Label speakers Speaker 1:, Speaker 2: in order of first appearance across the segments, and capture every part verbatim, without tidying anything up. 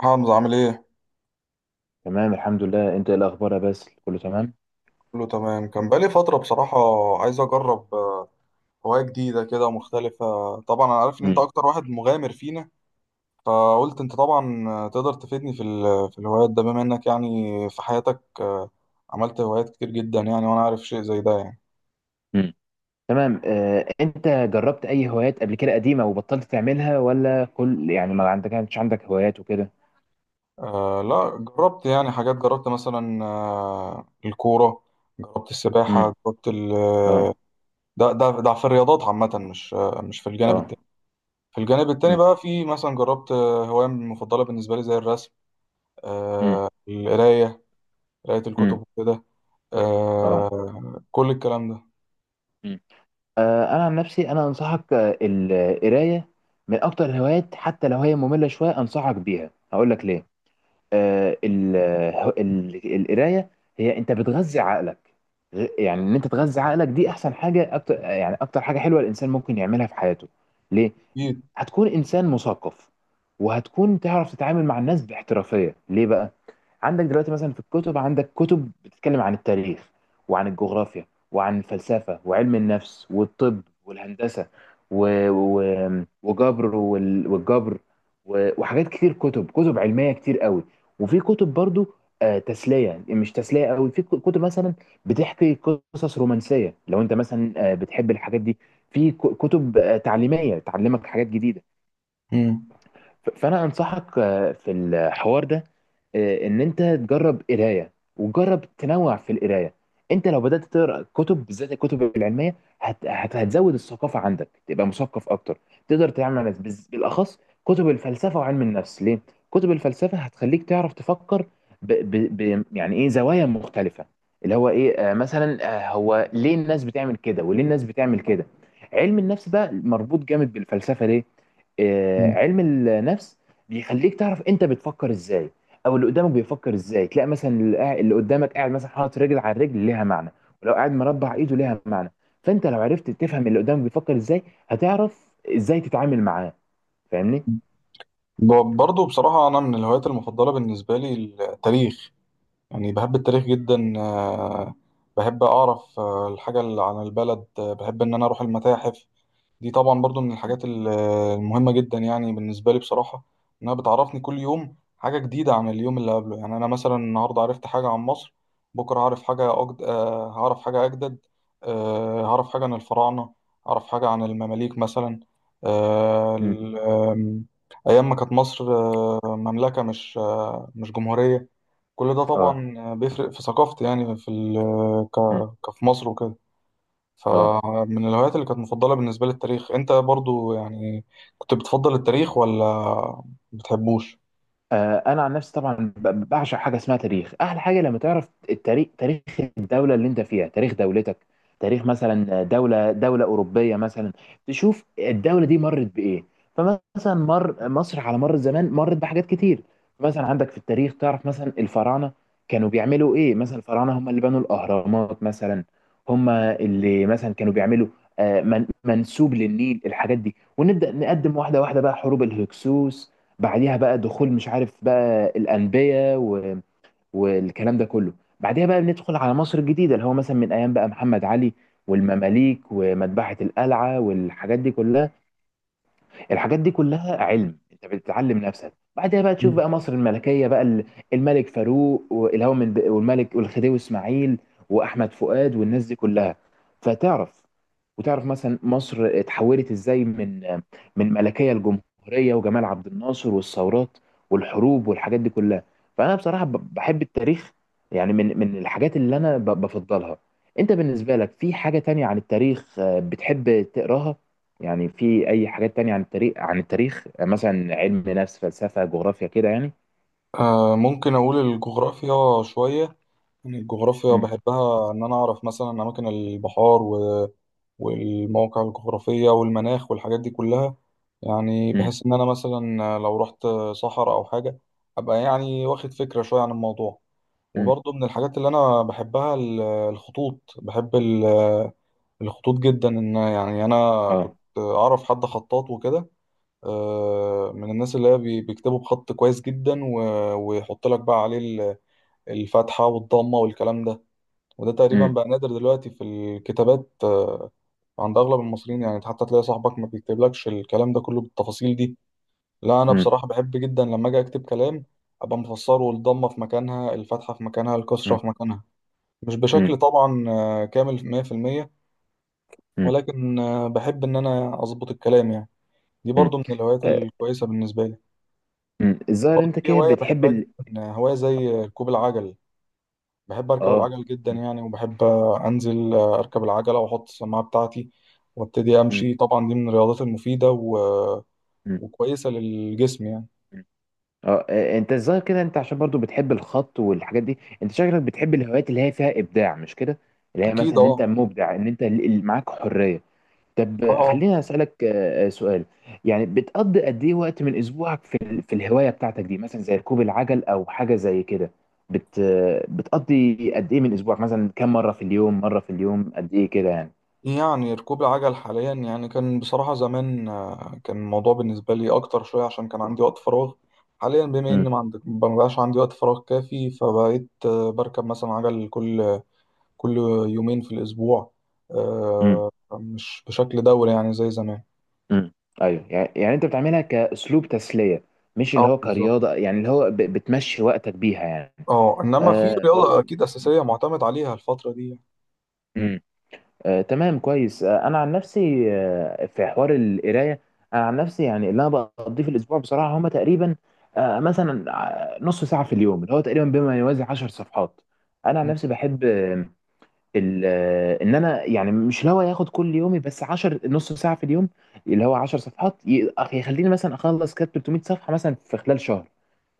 Speaker 1: حمزة عامل ايه؟
Speaker 2: تمام الحمد لله، انت ايه الاخبار يا باسل؟ كله تمام.
Speaker 1: كله تمام. كان بقالي فترة بصراحة. عايز أجرب آه، هواية جديدة كده مختلفة. طبعا أنا عارف إن أنت
Speaker 2: مم.
Speaker 1: أكتر واحد مغامر فينا. فقلت أنت طبعا آه، تقدر تفيدني في ال- في الهوايات ده، بما إنك يعني في حياتك آه، عملت هوايات كتير جدا يعني، وأنا عارف شيء زي ده يعني.
Speaker 2: مم. تمام، آه، انت جربت اي هوايات قبل كده قديمه وبطلت تعملها، ولا كل يعني ما عندك كانش عندك هوايات وكده؟
Speaker 1: آه، لا، جربت يعني حاجات. جربت مثلا آه، الكورة، جربت
Speaker 2: مم.
Speaker 1: السباحة، جربت ال آه،
Speaker 2: اه
Speaker 1: ده ده ده في الرياضات عامة، مش آه، مش في الجانب
Speaker 2: اه
Speaker 1: التاني. في الجانب التاني
Speaker 2: مم.
Speaker 1: بقى في مثلا جربت آه، هواية مفضلة بالنسبة لي زي الرسم،
Speaker 2: مم.
Speaker 1: آه، القراية، قراية
Speaker 2: مم.
Speaker 1: الكتب وكده،
Speaker 2: اه
Speaker 1: آه، كل الكلام ده.
Speaker 2: مم. آه، انا عن نفسي انا انصحك آه، القرايه من اكتر الهوايات، حتى لو هي ممله شويه انصحك بيها. هقول لك ليه. آه، ال- ال- القرايه هي انت بتغذي عقلك. غ- يعني ان انت تغذي عقلك دي احسن حاجه، اكتر يعني اكتر حاجه حلوه الانسان ممكن يعملها في حياته. ليه؟
Speaker 1: أكيد.
Speaker 2: هتكون انسان مثقف، وهتكون تعرف تتعامل مع الناس باحترافيه. ليه بقى؟ عندك دلوقتي مثلا في الكتب، عندك كتب بتتكلم عن التاريخ وعن الجغرافيا وعن الفلسفه وعلم النفس والطب والهندسه و... و... وجبر وال... والجبر و... وحاجات كتير، كتب كتب علميه كتير قوي. وفي كتب برضو آه، تسليه، يعني مش تسليه قوي. في كتب مثلا بتحكي قصص رومانسيه، لو انت مثلا آه، بتحب الحاجات دي. في ك- كتب آه، تعليميه تعلمك حاجات جديده.
Speaker 1: مم.
Speaker 2: ف- فانا انصحك آه، في الحوار ده آه، ان انت تجرب قرايه، وجرب تنوع في القرايه. انت لو بدات تقرا كتب بالذات الكتب العلميه، هت... هت... هتزود الثقافه عندك، تبقى مثقف اكتر، تقدر تتعامل مع ناس بز- بالاخص كتب الفلسفه وعلم النفس. ليه؟ كتب الفلسفه هتخليك تعرف تفكر ب... ب... ب... يعني ايه زوايا مختلفه، اللي هو ايه آه، مثلا آه، هو ليه الناس بتعمل كده وليه الناس بتعمل كده. علم النفس بقى مربوط جامد بالفلسفه. ليه؟ آه،
Speaker 1: مم.
Speaker 2: علم النفس بيخليك تعرف انت بتفكر ازاي، او اللي قدامك بيفكر ازاي. تلاقي مثلا اللي قاعد- اللي قدامك قاعد مثلا حاطط رجل على الرجل، ليها معنى. ولو قاعد مربع ايده، ليها معنى. فانت لو عرفت تفهم اللي قدامك بيفكر ازاي، هتعرف ازاي تتعامل معاه. فاهمني؟
Speaker 1: ب- برضه بصراحة أنا من الهوايات المفضلة بالنسبة لي التاريخ. يعني بحب التاريخ جدا. آه، بحب أعرف آه، الحاجة اللي عن البلد. آه، بحب إن أنا أروح المتاحف. دي طبعا برضو من
Speaker 2: مم.
Speaker 1: الحاجات ال- المهمة جدا يعني بالنسبة لي بصراحة، إنها بتعرفني كل يوم حاجة جديدة عن اليوم اللي قبله. يعني أنا مثلا النهاردة عرفت حاجة عن مصر، بكرة هعرف حاجة أجد... آه، هعرف حاجة أجدد. آه، هعرف حاجة عن الفراعنة، هعرف حاجة عن المماليك مثلا. آه،
Speaker 2: مم.
Speaker 1: ال- آم، أيام ما كانت مصر آه، مملكة، مش آه، مش جمهورية. كل ده
Speaker 2: اه
Speaker 1: طبعا بيفرق في ثقافتي يعني في ال... ك...
Speaker 2: مم.
Speaker 1: كفي مصر وكده.
Speaker 2: اه
Speaker 1: فمن الهوايات اللي كانت مفضلة بالنسبة لي التاريخ. انت برضو يعني كنت بتفضل التاريخ ولا بتحبوش؟
Speaker 2: آه، انا عن نفسي طبعا ب- بعشق حاجه اسمها تاريخ. احلى حاجه لما تعرف التاريخ، تاريخ الدوله اللي انت فيها، تاريخ دولتك، تاريخ مثلا دوله دوله اوروبيه مثلا، تشوف الدوله دي مرت بايه. فمثلا مر مصر على مر الزمان مرت بحاجات كتير. مثلا عندك في التاريخ تعرف مثلا الفراعنه كانوا بيعملوا ايه، مثلا الفراعنه هم اللي بنوا الاهرامات مثلا، هم اللي مثلا كانوا بيعملوا آه، من- منسوب للنيل، الحاجات دي. ونبدا نقدم واحده واحده بقى، حروب الهكسوس، بعديها بقى دخول مش عارف بقى الأنبياء و... والكلام ده كله. بعديها بقى بندخل على مصر الجديدة، اللي هو مثلا من أيام بقى محمد علي والمماليك ومذبحة القلعة والحاجات دي كلها. الحاجات دي كلها علم، أنت بتتعلم نفسك. بعدها بقى تشوف
Speaker 1: مم.
Speaker 2: بقى مصر الملكية بقى، ال- الملك فاروق والهو من، والملك والخديوي إسماعيل وأحمد فؤاد والناس دي كلها. فتعرف، وتعرف مثلا مصر اتحولت ازاي من من ملكيه لجمهوريه، وجمال عبد الناصر والثورات والحروب والحاجات دي كلها. فانا بصراحه ب- بحب التاريخ، يعني من من الحاجات اللي انا ب- بفضلها. انت بالنسبه لك في حاجه تانية عن التاريخ آه، بتحب تقراها؟ يعني في اي حاجات تانية عن التاريخ، عن التاريخ آه، مثلا علم نفس، فلسفه، جغرافيا كده يعني؟
Speaker 1: آه ممكن اقول الجغرافيا شوية. يعني الجغرافيا
Speaker 2: امم
Speaker 1: بحبها، ان انا اعرف مثلا اماكن البحار و... والمواقع الجغرافية والمناخ والحاجات دي كلها. يعني
Speaker 2: امم
Speaker 1: بحس ان انا مثلا لو رحت صحراء او حاجة، ابقى يعني واخد فكرة شوية عن الموضوع.
Speaker 2: امم
Speaker 1: وبرضو من الحاجات اللي انا بحبها ال- الخطوط. بحب الخطوط جدا، ان يعني انا كنت
Speaker 2: اه
Speaker 1: اعرف حد خطاط وكده، آه، من الناس اللي هي بي- بيكتبوا بخط كويس جدا و- ويحط لك بقى عليه ال- الفتحة والضمة والكلام ده. وده تقريبا
Speaker 2: امم
Speaker 1: بقى نادر دلوقتي في الكتابات، آه، عند اغلب المصريين. يعني حتى تلاقي صاحبك ما بيكتبلكش الكلام ده كله بالتفاصيل دي. لا، انا
Speaker 2: امم
Speaker 1: بصراحة بحب جدا لما اجي اكتب كلام ابقى مفسره الضمة في مكانها، الفتحة في مكانها، الكسرة في مكانها. مش
Speaker 2: امم
Speaker 1: بشكل طبعا آه، كامل مية في المية، ولكن آه، بحب إن أنا أظبط الكلام يعني. دي
Speaker 2: امم
Speaker 1: برضو من الهوايات الكويسة بالنسبة لي.
Speaker 2: مم. الظاهر
Speaker 1: برضو
Speaker 2: انت
Speaker 1: في
Speaker 2: كده
Speaker 1: هواية
Speaker 2: بتحب
Speaker 1: بحبها
Speaker 2: ال...
Speaker 1: جدا، آه، هواية زي ركوب العجل. بحب أركب
Speaker 2: اه
Speaker 1: العجل جدا
Speaker 2: مم.
Speaker 1: يعني، وبحب آه، أنزل آه، أركب العجلة وأحط السماعة بتاعتي وأبتدي
Speaker 2: مم.
Speaker 1: أمشي. طبعا دي من الرياضات المفيدة و...
Speaker 2: مم.
Speaker 1: وكويسة للجسم يعني.
Speaker 2: مم. اه آه، انت الظاهر كده انت عشان برضو بتحب الخط والحاجات دي، انت شكلك بتحب الهوايات اللي هي فيها ابداع، مش كده؟ اللي هي
Speaker 1: أكيد
Speaker 2: مثلا ان انت
Speaker 1: أه.
Speaker 2: مبدع، ان انت ال- ال- معاك حرية. طب آه،
Speaker 1: بصراحة
Speaker 2: خليني اسالك آه، آه، سؤال. يعني بتقضي قد ايه وقت من اسبوعك في ال... في الهواية بتاعتك دي، مثلا زي ركوب العجل او حاجة زي كده؟ بت... آه، بتقضي قد ايه من اسبوعك؟ مثلا كم مرة في اليوم؟ مرة في اليوم؟ قد ايه كده يعني؟
Speaker 1: يعني ركوب العجل حاليا، يعني كان بصراحة زمان آه، كان الموضوع بالنسبة لي أكتر شوية عشان كان عندي وقت فراغ. حاليا بما إن ما عندك ما بقاش عندي وقت فراغ كافي، فبقيت آه، بركب مثلا عجل كل كل يومين في الأسبوع.
Speaker 2: مم.
Speaker 1: آه، مش بشكل دوري يعني زي زمان.
Speaker 2: امم ايوه، يعني يعني انت بتعملها كاسلوب تسليه، مش اللي
Speaker 1: اه،
Speaker 2: هو
Speaker 1: بالظبط.
Speaker 2: كرياضه، يعني اللي هو ب- بتمشي وقتك بيها يعني.
Speaker 1: اه، إنما في
Speaker 2: آه
Speaker 1: رياضة
Speaker 2: والله.
Speaker 1: أكيد أساسية معتمد عليها الفترة دي.
Speaker 2: امم آه تمام كويس. آه انا عن نفسي آه في حوار القرايه، انا عن نفسي يعني اللي انا بقضيه في الاسبوع بصراحه هما تقريبا آه مثلا، آه، نص ساعه في اليوم، اللي هو تقريبا بما يوازي عشر صفحات. انا عن
Speaker 1: مم.
Speaker 2: نفسي بحب ال- ان انا يعني مش لو هياخد كل يومي، بس عشر نص ساعه في اليوم، اللي هو عشر صفحات، ي- أخ- يخليني مثلا اخلص كتاب ثلاثمية صفحه مثلا في خلال شهر.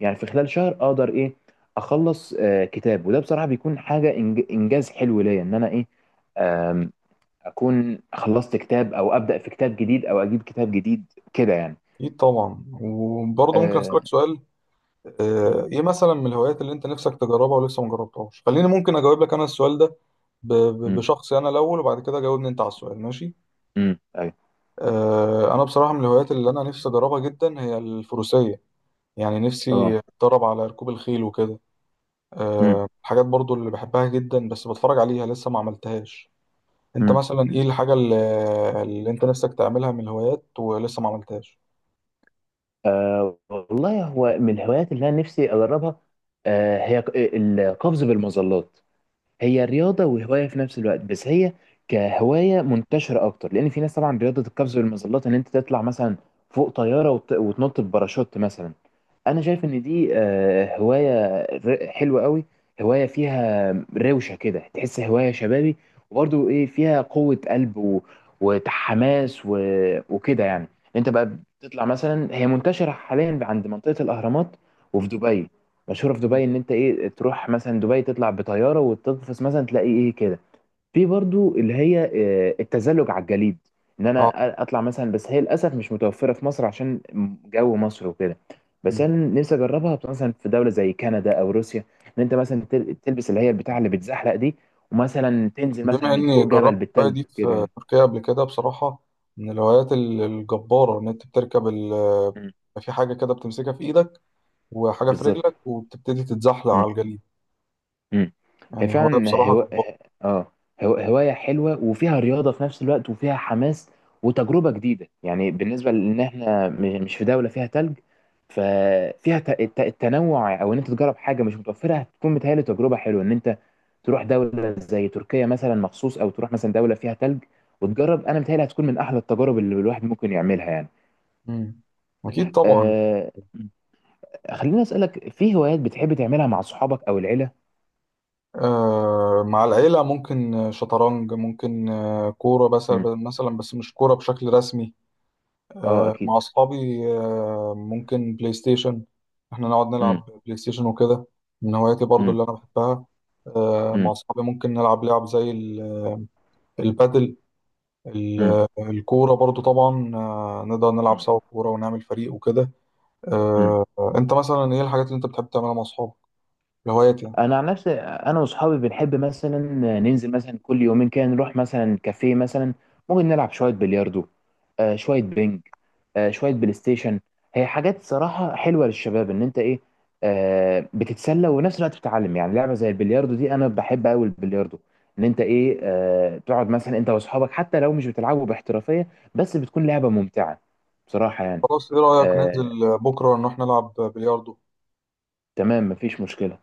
Speaker 2: يعني في خلال شهر اقدر ايه اخلص آه، كتاب، وده بصراحه بيكون حاجه إنج- انجاز حلو ليا، ان انا ايه آم، اكون خلصت كتاب، او ابدا في كتاب جديد، او اجيب كتاب جديد كده يعني.
Speaker 1: أكيد طبعا. وبرضه ممكن
Speaker 2: امم
Speaker 1: أسألك سؤال، آه، إيه مثلا من الهوايات اللي أنت نفسك تجربها ولسه ما جربتهاش؟ خليني ممكن أجاوب لك أنا السؤال ده ب- ب- بشخصي انا الاول، وبعد كده جاوبني انت على السؤال، ماشي.
Speaker 2: امم ايوه.
Speaker 1: آه، انا بصراحه من الهوايات اللي انا نفسي اجربها جدا هي الفروسيه. يعني نفسي
Speaker 2: اه
Speaker 1: اتدرب على ركوب الخيل وكده.
Speaker 2: مم،
Speaker 1: آه، الحاجات برضو اللي بحبها جدا، بس بتفرج عليها لسه ما عملتهاش. انت
Speaker 2: مم.
Speaker 1: مثلا ايه الحاجه اللي, اللي انت نفسك تعملها من الهوايات ولسه ما عملتهاش؟
Speaker 2: أه والله، هو من الهوايات اللي انا نفسي اجربها أه، هي ك- آه، القفز بالمظلات. هي رياضة وهواية في نفس الوقت، بس هي كهواية منتشرة أكتر، لأن في ناس طبعا رياضة القفز بالمظلات، إن أنت تطلع مثلا فوق طيارة وت- وتنط بباراشوت مثلا. أنا شايف إن دي آه، هواية ر- حلوة قوي، هواية فيها روشة كده، تحس هواية شبابي، وبرضو إيه، فيها قوة قلب و- وحماس و- وكده يعني. أنت بقى بتطلع مثلا، هي منتشرة حاليا عند منطقة الأهرامات وفي دبي، مشهوره في دبي،
Speaker 1: مم.
Speaker 2: ان انت ايه تروح مثلا دبي، تطلع بطياره وتقفز مثلا، تلاقي ايه كده. في برضو اللي هي آه، التزلج على الجليد، ان
Speaker 1: اه.
Speaker 2: انا اطلع مثلا، بس هي للاسف مش متوفره في مصر عشان جو مصر وكده، بس
Speaker 1: مم.
Speaker 2: انا نفسي اجربها مثلا في دوله زي كندا او روسيا، ان انت مثلا تل- تلبس اللي هي البتاع اللي بتزحلق دي، ومثلا تنزل مثلا
Speaker 1: بما
Speaker 2: من
Speaker 1: اني
Speaker 2: فوق جبل
Speaker 1: جربت الهوايه
Speaker 2: بالتلج
Speaker 1: دي
Speaker 2: كده
Speaker 1: في
Speaker 2: يعني.
Speaker 1: تركيا قبل كده بصراحه، من الهوايات ال- الجباره. ان انت بتركب ال-
Speaker 2: مم.
Speaker 1: في حاجه كده بتمسكها في ايدك، وحاجة في
Speaker 2: بالظبط.
Speaker 1: رجلك، وبتبتدي تتزحلق على الجليد.
Speaker 2: امم هي
Speaker 1: يعني هواية
Speaker 2: فعلا
Speaker 1: بصراحة
Speaker 2: هو...
Speaker 1: جبارة.
Speaker 2: اه هو... هواية حلوة وفيها رياضة في نفس الوقت وفيها حماس وتجربة جديدة، يعني بالنسبة لان احنا م- مش في دولة فيها تلج، ففيها ت... الت- التنوع، او ان انت تجرب حاجة مش متوفرة. هتكون متهيألي تجربة حلوة، ان انت تروح دولة زي تركيا مثلا مخصوص، او تروح مثلا دولة فيها تلج وتجرب. انا متهيألي هتكون من احلى التجارب اللي الواحد ممكن يعملها يعني.
Speaker 1: مم. أكيد طبعا.
Speaker 2: أه... خليني اسألك، في هوايات بتحب تعملها مع صحابك او العيلة؟
Speaker 1: آه مع العيلة ممكن شطرنج، ممكن آه كورة، بس
Speaker 2: امم
Speaker 1: مثلا بس مش كورة بشكل رسمي.
Speaker 2: اه
Speaker 1: آه
Speaker 2: اكيد.
Speaker 1: مع أصحابي آه ممكن بلاي ستيشن، إحنا نقعد نلعب بلاي ستيشن وكده. من هواياتي برضو
Speaker 2: امم
Speaker 1: اللي أنا بحبها آه
Speaker 2: مم.
Speaker 1: مع أصحابي ممكن نلعب لعب زي ال- البادل.
Speaker 2: مم.
Speaker 1: ال- الكورة برضو طبعا آه نقدر نلعب
Speaker 2: مم.
Speaker 1: سوا كورة ونعمل فريق وكده.
Speaker 2: مم.
Speaker 1: آه، انت مثلا ايه الحاجات اللي انت بتحب تعملها مع اصحابك، الهوايات يعني؟
Speaker 2: انا عن نفسي انا واصحابي بنحب مثلا ننزل مثلا كل يومين كده، نروح مثلا كافيه مثلا، ممكن نلعب شويه بلياردو، آه شويه بينج، آه شويه بلاي ستيشن. هي حاجات صراحه حلوه للشباب، ان انت ايه آه بتتسلى ونفس الوقت بتتعلم. يعني لعبه زي البلياردو دي، انا بحب قوي البلياردو، ان انت ايه آه تقعد مثلا انت واصحابك، حتى لو مش بتلعبوا باحترافيه، بس بتكون لعبه ممتعه بصراحه يعني.
Speaker 1: خلاص، ايه رأيك
Speaker 2: آه
Speaker 1: ننزل بكرة نروح نلعب بلياردو؟
Speaker 2: تمام، مفيش مشكله.